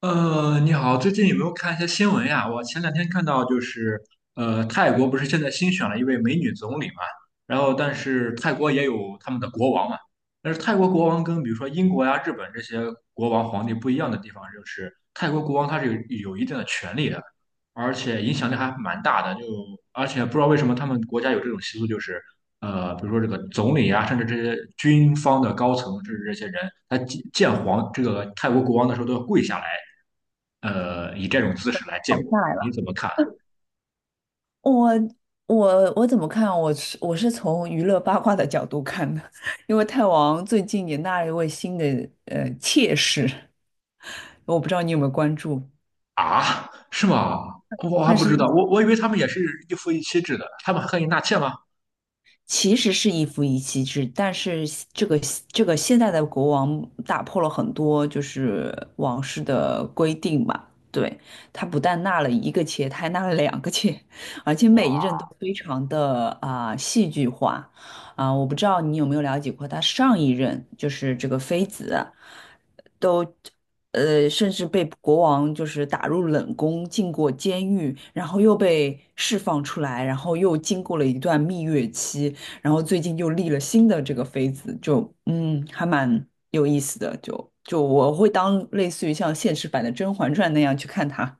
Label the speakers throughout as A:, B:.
A: 你好，最近有没有看一些新闻呀？我前2天看到就是，泰国不是现在新选了一位美女总理嘛。然后但是泰国也有他们的国王嘛，但是泰国国王跟比如说英国呀、日本这些国王皇帝不一样的地方就是，泰国国王他是有一定的权利的，而且影响力还蛮大的。而且不知道为什么他们国家有这种习俗，就是比如说这个总理啊，甚至这些军方的高层，甚至这些人，他见这个泰国国王的时候都要跪下来。以这种姿势来见
B: 熬
A: 我，
B: 下来
A: 你
B: 了。
A: 怎么看？
B: 我我怎么看？我是从娱乐八卦的角度看的。因为泰王最近也纳了一位新的妾室，我不知道你有没有关注。
A: 啊？是吗？我还
B: 那
A: 不
B: 是
A: 知
B: 一
A: 道，
B: 个
A: 我以为他们也是一夫一妻制的，他们还可以纳妾吗？
B: 其实是一夫一妻制，但是这个这个现在的国王打破了很多就是王室的规定吧。对，他不但纳了一个妾，他还纳了两个妾，而且每一任
A: 哇
B: 都非常的啊、戏剧化啊、我不知道你有没有了解过他上一任就是这个妃子。甚至被国王就是打入冷宫，进过监狱，然后又被释放出来，然后又经过了一段蜜月期，然后最近又立了新的这个妃子，就嗯，还蛮有意思的。就我会当类似于像现实版的《甄嬛传》那样去看它。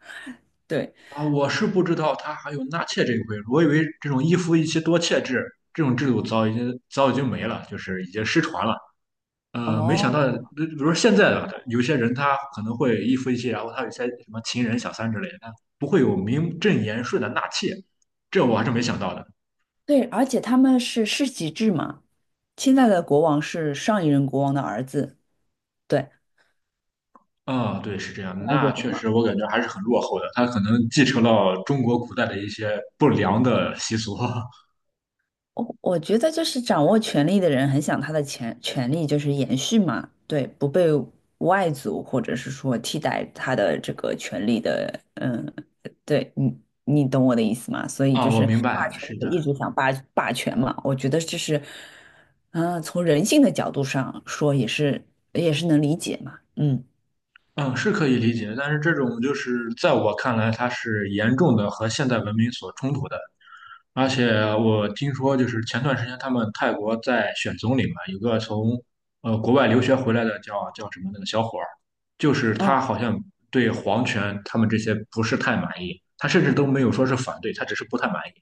B: 对，
A: 啊，我是不知道他还有纳妾这一回，我以为这种一夫一妻多妾制这种制度早已经没了，就是已经失传了。没想
B: 哦，
A: 到，比如说现在的有些人他可能会一夫一妻，然后他有些什么情人小三之类的，他不会有名正言顺的纳妾，这我还是没想到的。
B: 对，而且他们是世袭制嘛，现在的国王是上一任国王的儿子。对，
A: 啊、对，是这样的，
B: 了解
A: 那
B: 过
A: 确
B: 吗？
A: 实，我感觉还是很落后的。它可能继承了中国古代的一些不良的习俗。
B: 我觉得就是掌握权力的人很想他的权力就是延续嘛，对，不被外族或者是说替代他的这个权利的，嗯，对你你懂我的意思吗？所以
A: 啊。
B: 就
A: 我
B: 是
A: 明白
B: 霸
A: 了，
B: 权
A: 是
B: 者一
A: 的。
B: 直想霸权嘛，我觉得这是，嗯、从人性的角度上说也是能理解嘛，嗯。
A: 嗯，是可以理解。但是这种就是在我看来，它是严重的和现代文明所冲突的。而且我听说，就是前段时间他们泰国在选总理嘛，有个从国外留学回来的叫什么那个小伙儿，就是他好像对皇权他们这些不是太满意，他甚至都没有说是反对，他只是不太满意。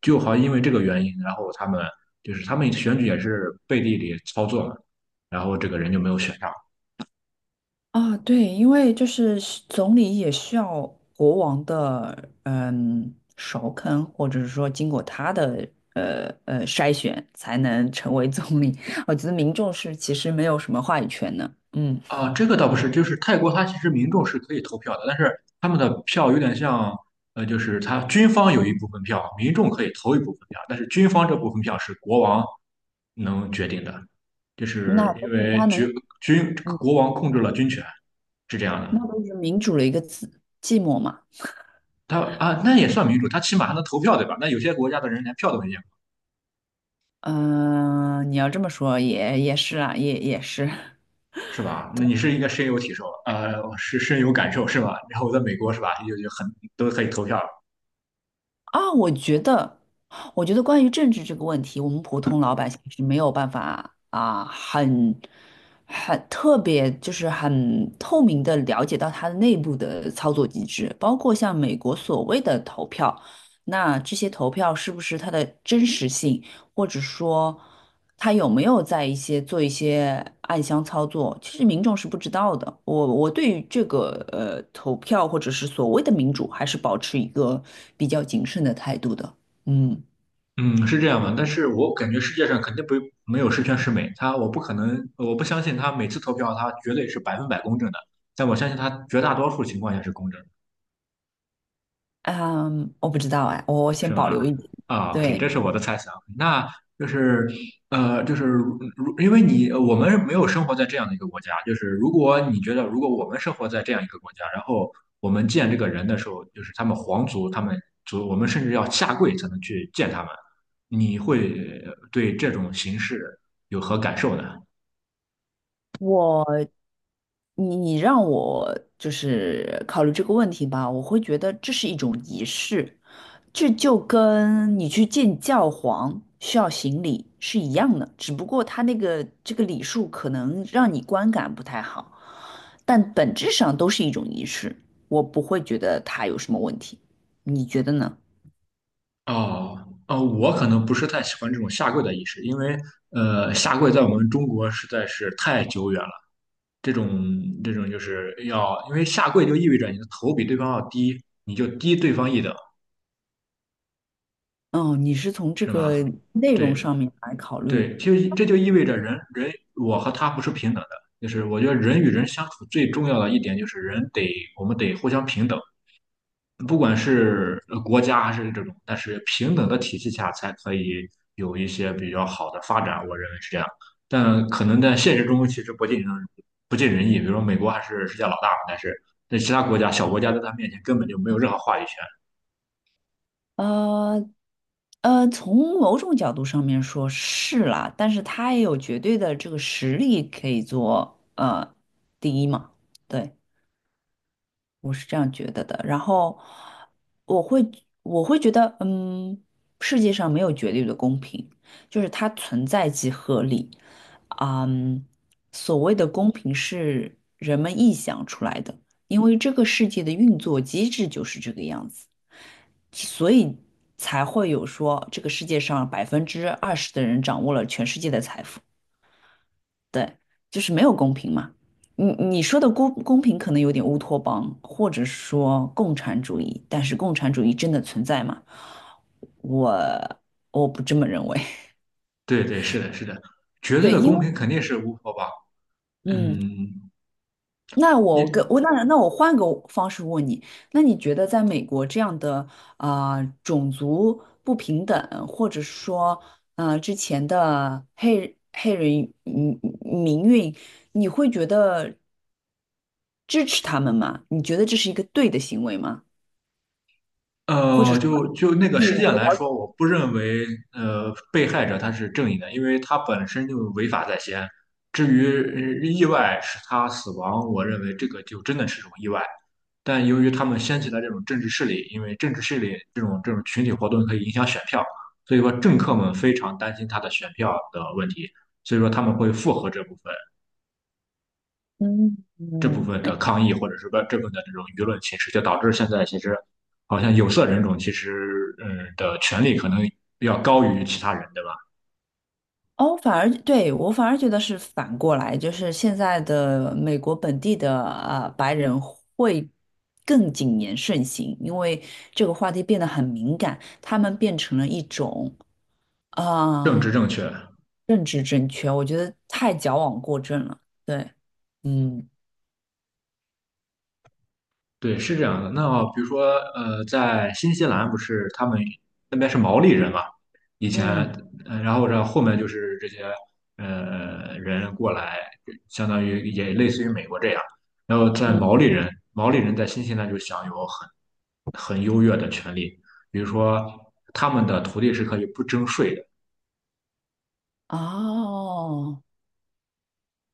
A: 就好像因为这个原因，然后就是他们选举也是背地里操作嘛，然后这个人就没有选上。
B: 啊，对，因为就是总理也需要国王的嗯首肯，或者是说经过他的呃,筛选，才能成为总理。我觉得民众是其实没有什么话语权的，嗯，
A: 啊，这个倒不是，就是泰国它其实民众是可以投票的，但是他们的票有点像，就是他军方有一部分票，民众可以投一部分票，但是军方这部分票是国王能决定的，就
B: 那
A: 是
B: 不
A: 因
B: 是
A: 为
B: 他能，
A: 国王控制了军权，是这样的。
B: 那都是民主的一个字，寂寞嘛。
A: 他啊，那也算民主，他起码还能投票，对吧？那有些国家的人连票都没见过，
B: 嗯、你要这么说也是啊，也是。
A: 是吧？那你是应该深有感受，是吧？然后我在美国，是吧？就很都可以投票。
B: 啊，我觉得，我觉得关于政治这个问题，我们普通老百姓是没有办法啊，很很特别，就是很透明的了解到它的内部的操作机制，包括像美国所谓的投票，那这些投票是不是它的真实性？或者说他有没有在一些做一些暗箱操作，其实民众是不知道的。我对于这个投票或者是所谓的民主，还是保持一个比较谨慎的态度的。嗯
A: 嗯，是这样的。但是我感觉世界上肯定不没有十全十美，我不可能，我不相信他每次投票他绝对是100%公正的，但我相信他绝大多数情况下是公正的。
B: 嗯，我不知道哎，我先
A: 是
B: 保留
A: 吗？
B: 一点。
A: 啊，OK，
B: 对，
A: 这是我的猜想。那就是就是因为我们没有生活在这样的一个国家，就是如果你觉得如果我们生活在这样一个国家，然后我们见这个人的时候，就是他们皇族，他们族，我们甚至要下跪才能去见他们，你会对这种形式有何感受呢？
B: 我你你让我就是考虑这个问题吧，我会觉得这是一种仪式，这就跟你去见教皇需要行礼是一样的，只不过他那个这个礼数可能让你观感不太好，但本质上都是一种仪式，我不会觉得他有什么问题，你觉得呢？
A: 哦，我可能不是太喜欢这种下跪的仪式，因为下跪在我们中国实在是太久远了。这种这种就是要，因为下跪就意味着你的头比对方要低，你就低对方一等，
B: 哦，你是从这
A: 是吗？
B: 个内容
A: 对
B: 上面来考虑
A: 对，其实这就意味着我和他不是平等的，就是我觉得人与人相处最重要的一点就是我们得互相平等，不管是国家还是这种。但是平等的体系下才可以有一些比较好的发展，我认为是这样。但可能在现实中其实不尽人意，比如说美国还是世界老大嘛，但是在其他国家小国家在他面前根本就没有任何话语权。
B: 呃从某种角度上面说是啦，但是他也有绝对的这个实力可以做第一嘛，对，我是这样觉得的。然后我会我会觉得，嗯，世界上没有绝对的公平，就是它存在即合理。嗯，所谓的公平是人们臆想出来的，因为这个世界的运作机制就是这个样子。所以才会有说这个世界上20%的人掌握了全世界的财富，对，就是没有公平嘛。你你说的公平可能有点乌托邦，或者说共产主义，但是共产主义真的存在吗？我我不这么认为。
A: 对对，是的，是的，绝对
B: 对，
A: 的
B: 因
A: 公
B: 为
A: 平肯定是无法吧？
B: 嗯，
A: 嗯。
B: 那我跟
A: 因。
B: 我那我换个方式问你，那你觉得在美国这样的啊、种族不平等，或者说啊之前的黑人嗯民运，你会觉得支持他们吗？你觉得这是一个对的行为吗？或者说，
A: 就那个
B: 替
A: 事件
B: 我
A: 来
B: 要求，
A: 说，我不认为被害者他是正义的，因为他本身就违法在先。至于意外使他死亡，我认为这个就真的是种意外。但由于他们掀起了这种政治势力，因为政治势力这种群体活动可以影响选票，所以说政客们非常担心他的选票的问题，所以说他们会附和这部分。
B: 嗯
A: 这部分
B: 嗯。
A: 的抗议，或者是说这部分的这种舆论形式，就导致现在其实好像有色人种其实的权利可能要高于其他人，对吧？
B: 哦，反而对我反而觉得是反过来，就是现在的美国本地的白人会更谨言慎行，因为这个话题变得很敏感，他们变成了一种啊、
A: 政治
B: 呃
A: 正确，
B: 政治正确，我觉得太矫枉过正了。对，嗯
A: 对，是这样的。那比如说，在新西兰不是他们那边是毛利人嘛？以前，
B: 嗯
A: 然后这后面就是这些人过来，相当于也类似于美国这样。然后在
B: 嗯，
A: 毛利人在新西兰就享有很优越的权利，比如说他们的土地是可以不征税的。
B: 哦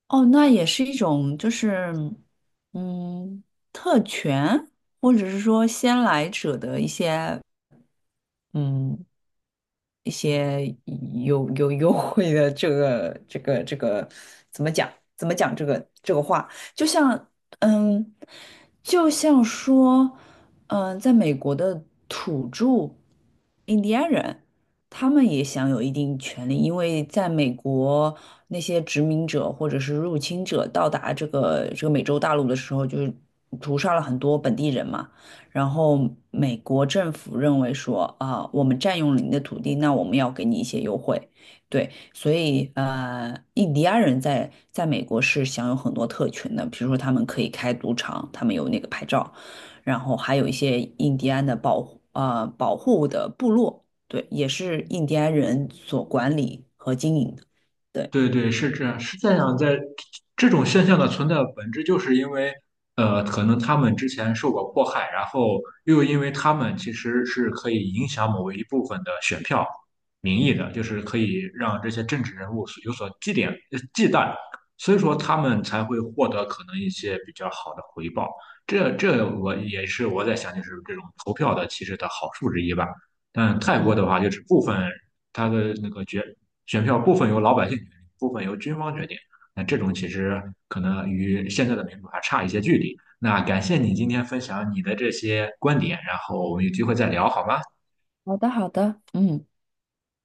B: 哦，那也是一种就是嗯特权，或者是说先来者的一些。嗯，一些有有优惠的这个怎么讲？怎么讲这个话？就像嗯，就像说嗯，在美国的土著印第安人，他们也享有一定权利，因为在美国那些殖民者或者是入侵者到达这个美洲大陆的时候，就是屠杀了很多本地人嘛。然后美国政府认为说啊，我们占用了你的土地，那我们要给你一些优惠，对，所以呃，印第安人在美国是享有很多特权的，比如说他们可以开赌场，他们有那个牌照，然后还有一些印第安的保护保护的部落，对，也是印第安人所管理和经营的，对，
A: 对对，是这样，是这样。在这种现象的存在的本质，就是因为，可能他们之前受过迫害，然后又因为他们其实是可以影响某一部分的选票民意的，就是可以让这些政治人物所忌惮，所以说他们才会获得可能一些比较好的回报。这这我也是我在想，就是这种投票的其实的好处之一吧。但泰国
B: 嗯，
A: 的话，就是他的那个选票部分由老百姓决定，部分由军方决定。那这种其实可能与现在的民主还差一些距离。那感谢你今天分享你的这些观点，然后我们有机会再聊好吗？
B: 好的，好的。嗯。